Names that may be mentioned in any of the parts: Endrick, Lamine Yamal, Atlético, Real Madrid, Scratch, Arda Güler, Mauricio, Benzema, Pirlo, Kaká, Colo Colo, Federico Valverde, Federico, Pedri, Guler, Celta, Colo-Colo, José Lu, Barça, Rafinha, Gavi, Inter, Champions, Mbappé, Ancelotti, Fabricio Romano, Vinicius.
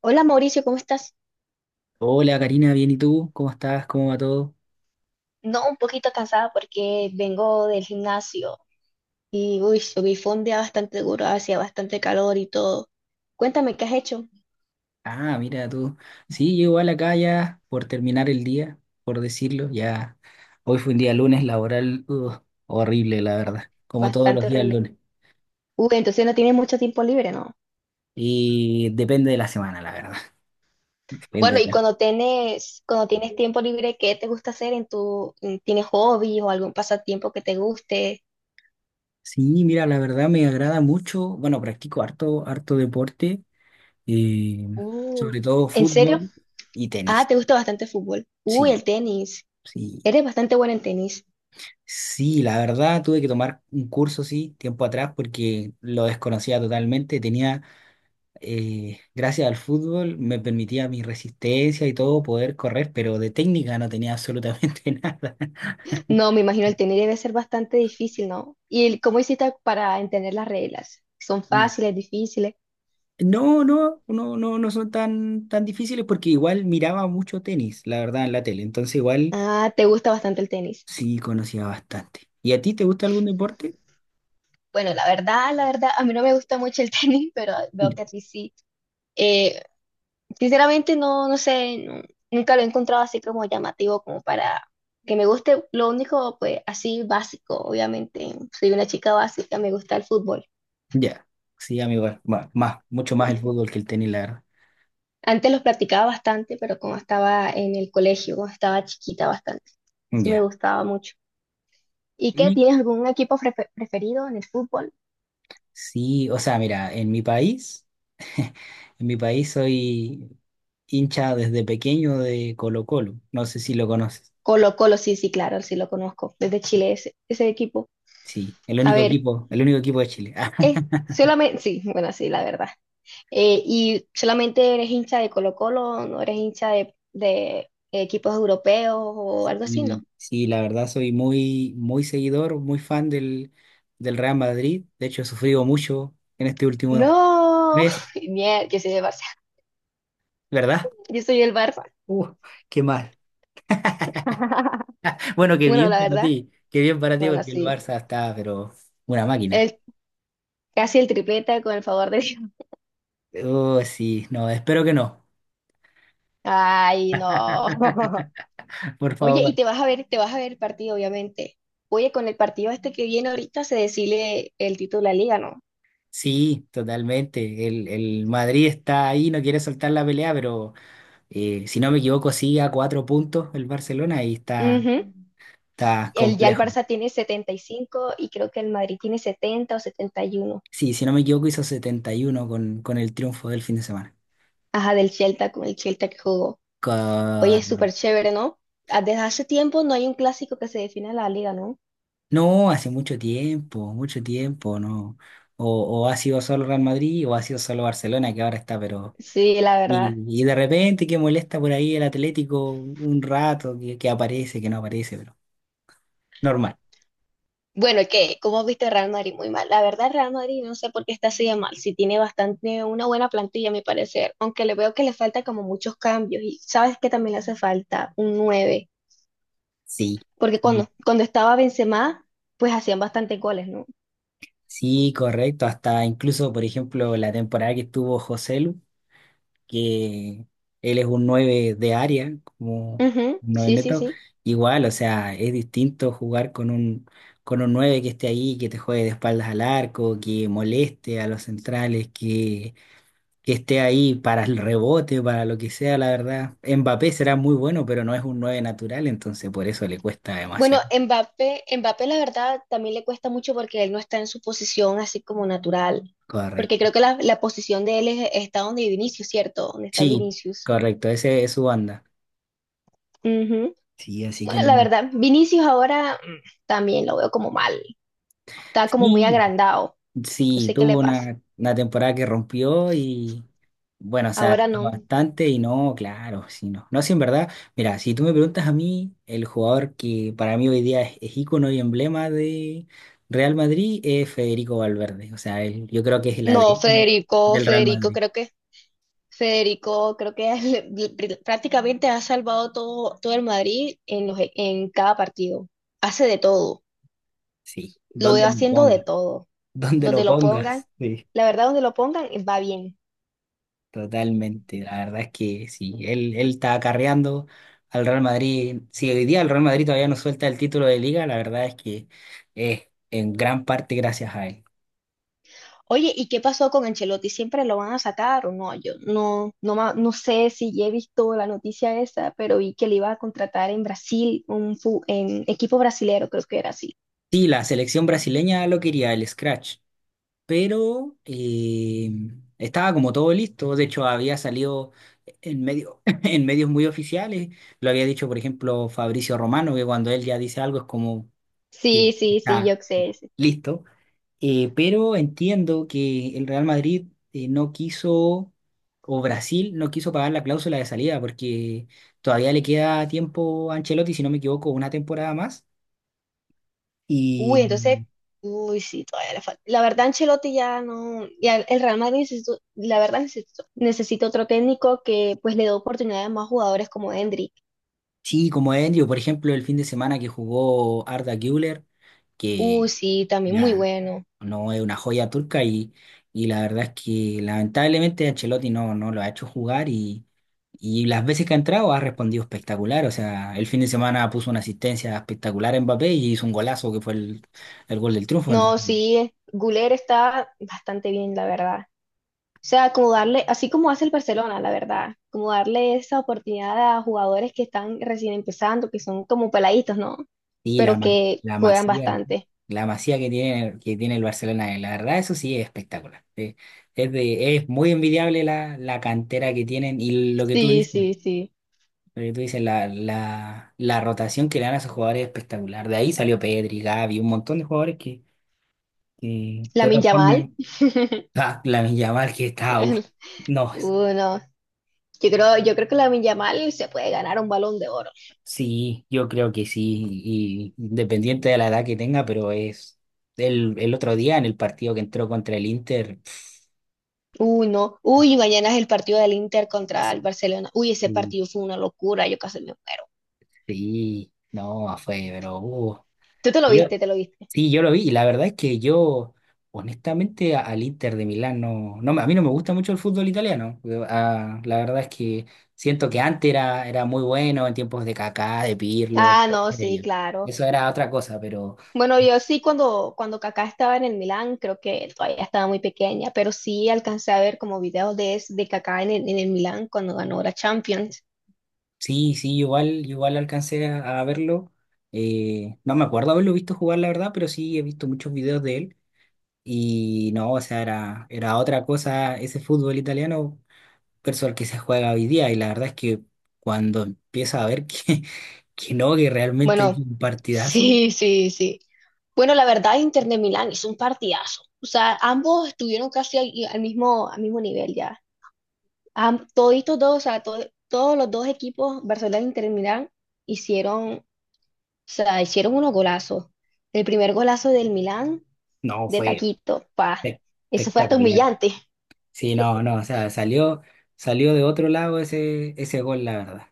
Hola Mauricio, ¿cómo estás? Hola Karina, bien, ¿y tú? ¿Cómo estás? ¿Cómo va todo? No, un poquito cansada porque vengo del gimnasio y uy, subí fue un día bastante duro, hacía bastante calor y todo. Cuéntame, ¿qué has hecho? Ah, mira tú. Sí, yo igual acá ya por terminar el día, por decirlo, ya. Hoy fue un día lunes laboral, ugh, horrible, la verdad. Como todos los Bastante días horrible. lunes. Uy, entonces no tienes mucho tiempo libre, ¿no? Y depende de la semana, la verdad. Bueno, Depende y de la- cuando tienes tiempo libre, ¿qué te gusta hacer tienes hobbies o algún pasatiempo que te guste? Sí, mira, la verdad me agrada mucho. Bueno, practico harto, harto deporte, eh, Uh, sobre todo ¿En serio? fútbol y Ah, tenis. te gusta bastante el fútbol. Uy, Sí, el tenis. sí. Eres bastante buena en tenis. Sí, la verdad tuve que tomar un curso, sí, tiempo atrás porque lo desconocía totalmente. Tenía, gracias al fútbol, me permitía mi resistencia y todo poder correr, pero de técnica no tenía absolutamente nada. No, me imagino el tenis debe ser bastante difícil, ¿no? ¿Y cómo hiciste para entender las reglas? ¿Son Y fáciles, difíciles? no, no, no, no, no son tan, tan difíciles porque igual miraba mucho tenis, la verdad, en la tele. Entonces igual Ah, ¿te gusta bastante el tenis? sí conocía bastante. ¿Y a ti te gusta algún deporte? Bueno, la verdad, a mí no me gusta mucho el tenis, pero veo que a ti sí. Eh, sinceramente, no, no sé, nunca lo he encontrado así como llamativo, como para que me guste. Lo único, pues, así básico, obviamente. Soy una chica básica, me gusta el fútbol. Ya, sí, amigo, bueno, mucho más el fútbol que el tenis, la verdad. Antes los practicaba bastante, pero como estaba en el colegio, como estaba chiquita bastante, sí me Ya. gustaba mucho. ¿Y qué? ¿Tienes algún equipo preferido en el fútbol? Sí, o sea, mira, en mi país, en mi país soy hincha desde pequeño de Colo-Colo. No sé si lo conoces. Colo Colo, sí, sí, claro, sí lo conozco. Desde Chile ese equipo. Sí, A ver, el único equipo de Chile. es solamente, sí, bueno, sí, la verdad. ¿Y solamente eres hincha de Colo Colo? ¿No eres hincha de equipos europeos o algo así, no? Y sí, la verdad soy muy, muy seguidor, muy fan del Real Madrid. De hecho, he sufrido mucho en este último No, mes, yo soy del Barça. ¿verdad? Yo soy el Barça. Uh, Qué mal. Bueno, qué Bueno, bien la para verdad, ti, qué bien para ti bueno, porque el sí. Barça está, pero una máquina. El, casi el tripleta con el favor de Dios. Oh, sí, no, espero que no, Ay, no. por Oye, y favor. te vas a ver el partido, obviamente. Oye, con el partido este que viene ahorita se decide el título de la liga, ¿no? Sí, totalmente. El Madrid está ahí, no quiere soltar la pelea, pero si no me equivoco, sigue a cuatro puntos el Barcelona y está, Ujú. está Ya el complejo. Barça tiene 75 y creo que el Madrid tiene 70 o 71. Sí, si no me equivoco, hizo 71 con el triunfo del fin de semana. Ajá, del Celta con el Celta que jugó. Oye, es súper Correcto. chévere, ¿no? Ah, desde hace tiempo no hay un clásico que se defina la liga, ¿no? No, hace mucho tiempo, no. O ha sido solo Real Madrid o ha sido solo Barcelona, que ahora está, pero. Sí, la verdad. Y de repente que molesta por ahí el Atlético un rato, que, aparece, que no aparece, pero normal. Bueno, ¿qué? ¿Cómo viste Real Madrid? Muy mal. La verdad, Real Madrid no sé por qué está así de mal. Si tiene bastante, una buena plantilla, a mi parecer. Aunque le veo que le falta como muchos cambios. Y sabes que también le hace falta un 9, Sí. porque Sí. cuando estaba Benzema, pues hacían bastantes goles, ¿no? Sí, correcto. Hasta incluso, por ejemplo, la temporada que estuvo que él es un 9 de área, como un Ujú, 9 sí, sí, neto, sí. igual, o sea, es distinto jugar con un 9 que esté ahí, que te juegue de espaldas al arco, que moleste a los centrales, que esté ahí para el rebote, para lo que sea, la verdad. Mbappé será muy bueno, pero no es un 9 natural, entonces por eso le cuesta Bueno, demasiado. Mbappé la verdad también le cuesta mucho porque él no está en su posición así como natural. Porque creo Correcto. que la posición de él es, está donde Vinicius, ¿cierto? Donde está Sí, Vinicius. correcto, ese es su banda. Sí, así que Bueno, la no. verdad, Vinicius ahora también lo veo como mal. Está como muy Sí, agrandado. No sí, sé qué le tuvo pasa. una, temporada que rompió y bueno, se Ahora adaptó no. bastante y no, claro, sí, no. No, sí, en verdad, mira, si tú me preguntas a mí, el jugador que para mí hoy día es ícono y emblema de Real Madrid es Federico Valverde. O sea, yo creo que es el No, ADN Federico, del Real Federico, Madrid. creo que Federico, creo que prácticamente ha salvado todo, todo el Madrid en en cada partido. Hace de todo, Sí, lo veo donde lo haciendo de pongas, todo. donde lo Donde lo pongan, pongas. Sí. la verdad, donde lo pongan, va bien. Totalmente, la verdad es que sí, él está acarreando al Real Madrid. Si hoy día el Real Madrid todavía no suelta el título de liga, la verdad es que es en gran parte gracias a él. Oye, ¿y qué pasó con Ancelotti? ¿Siempre lo van a sacar o no? Yo no sé si ya he visto la noticia esa, pero vi que le iba a contratar en Brasil, en equipo brasilero, creo que era así. Sí, la selección brasileña lo quería, el Scratch, pero estaba como todo listo. De hecho, había salido en medio, en medios muy oficiales. Lo había dicho, por ejemplo, Fabricio Romano, que cuando él ya dice algo es como que Sí, sí, sí, está yo sé. Sí. listo. Pero entiendo que el Real Madrid no quiso, o Brasil no quiso pagar la cláusula de salida, porque todavía le queda tiempo a Ancelotti, si no me equivoco, una temporada más. Uy, Y entonces, uy, sí, todavía le falta. La verdad, Ancelotti ya no, ya el Real Madrid necesito, la verdad necesito otro técnico que pues le dé oportunidades a más jugadores como Endrick. sí, como Endio, por ejemplo, el fin de semana que jugó Arda Güler, Uy, que sí, también muy la, bueno. No es una joya turca y la verdad es que lamentablemente Ancelotti no, lo ha hecho jugar y las veces que ha entrado ha respondido espectacular. O sea, el fin de semana puso una asistencia espectacular en Mbappé y hizo un golazo que fue el, gol del triunfo. No, Entonces, sí, Guler está bastante bien, la verdad. O sea, como darle, así como hace el Barcelona, la verdad, como darle esa oportunidad a jugadores que están recién empezando, que son como peladitos, ¿no? sí, Pero que la juegan masía, bastante. la masía que tiene el Barcelona, la verdad eso sí es espectacular. Es muy envidiable la, la, cantera que tienen y lo que tú Sí, dices. sí, sí. Lo que tú dices, la rotación que le dan a esos jugadores es espectacular. De ahí salió Pedri, Gavi, un montón de jugadores que de otra Lamine Yamal. forma. Ah, Lamine Yamal que está. Uf. No, Uno. Yo creo que Lamine Yamal se puede ganar un balón de oro. sí, yo creo que sí. Y independiente de la edad que tenga, pero es. El otro día en el partido que entró contra el Inter, Uy, no. Uy, mañana es el partido del Inter contra el Barcelona. Uy, ese sí, partido fue una locura, yo casi me muero. sí, no, fue, pero, Tú te lo yo, viste, te lo viste. sí, yo lo vi y la verdad es que yo, honestamente, al Inter de Milán no, a mí no me gusta mucho el fútbol italiano. La verdad es que siento que antes era muy bueno en tiempos de Kaká, de Pirlo, de Ah, todos no, sí, ellos. claro. Eso era otra cosa, pero Bueno, yo sí cuando Kaká estaba en el Milán, creo que todavía estaba muy pequeña, pero sí alcancé a ver como videos de Kaká en el Milán cuando ganó la Champions. sí, sí, igual, igual alcancé a, verlo. No me acuerdo haberlo visto jugar, la verdad, pero sí he visto muchos videos de él y no, o sea, era otra cosa ese fútbol italiano, versus el que se juega hoy día. Y la verdad es que cuando empieza a ver que, que no, que realmente hay Bueno, un partidazo, sí, sí, sí. Bueno, la verdad, Inter de Milán hizo un partidazo. O sea, ambos estuvieron casi al mismo nivel ya. Toditos dos, o sea, todos los dos equipos, Barcelona e Inter de Milán, hicieron, o sea, hicieron unos golazos. El primer golazo del Milán, no, de fue taquito, pa. espe- Eso fue hasta espectacular. humillante. Sí, no, no, o sea, salió, de otro lado ese gol, la verdad.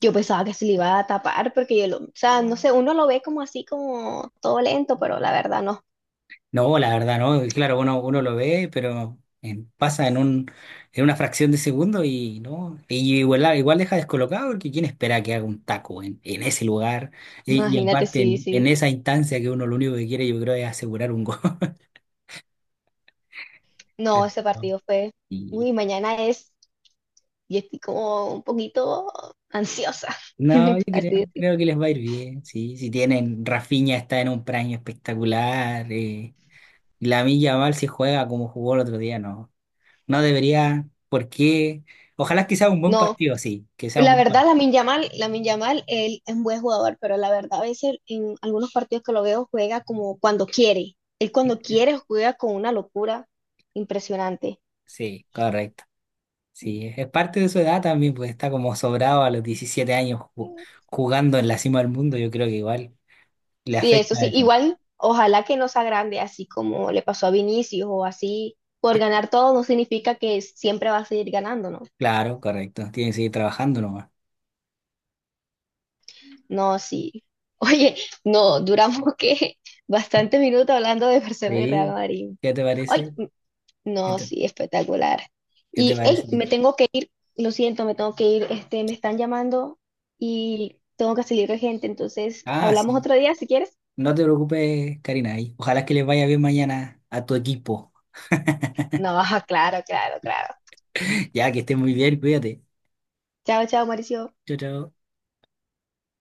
Yo pensaba que se le iba a tapar porque yo lo, o sea, no sé, uno lo ve como así, como todo lento, pero la verdad no. No, la verdad, no, y claro, uno, lo ve, pero pasa en una fracción de segundo y no, y igual, igual deja descolocado porque quién espera que haga un taco en, ese lugar, y Imagínate, aparte sí, en sí. esa instancia que uno lo único que quiere, yo creo, es asegurar un gol. No, ese partido fue, Y uy, mañana es, y estoy como un poquito ansiosa, no, yo creo, así decir. creo que les va a ir bien, sí. Si tienen, Rafinha está en un prime espectacular. Y Lamine Yamal si juega como jugó el otro día, no. No debería, ¿por qué? Ojalá que sea un buen No, partido, sí, que sea un la buen verdad, partido. Lamine Yamal, él es un buen jugador, pero la verdad, a veces en algunos partidos que lo veo juega como cuando quiere. Él cuando quiere juega con una locura impresionante. Sí, correcto. Sí, es parte de su edad también, pues está como sobrado a los 17 años jugando en la cima del mundo, yo creo que igual le Sí, eso afecta sí. eso. Igual, ojalá que no sea grande, así como le pasó a Vinicius o así. Por ganar todo no significa que siempre va a seguir ganando, ¿no? Claro, correcto. Tiene que seguir trabajando nomás. No, sí. Oye, no, duramos que bastantes minutos hablando de Barcelona y Real Sí, Madrid. ¿qué te Ay, parece? ¿Qué no, te, sí, espectacular. qué te Y, hey, parece? me tengo que ir, lo siento, me tengo que ir, me están llamando y tengo que salir de gente, entonces, Ah, ¿hablamos sí. otro día si quieres? No te preocupes, Karina, y ojalá que les vaya bien mañana a tu equipo. No, claro, claro, claro. Ya que estés muy bien, cuídate. Chao, chao, Mauricio. Chao, chao.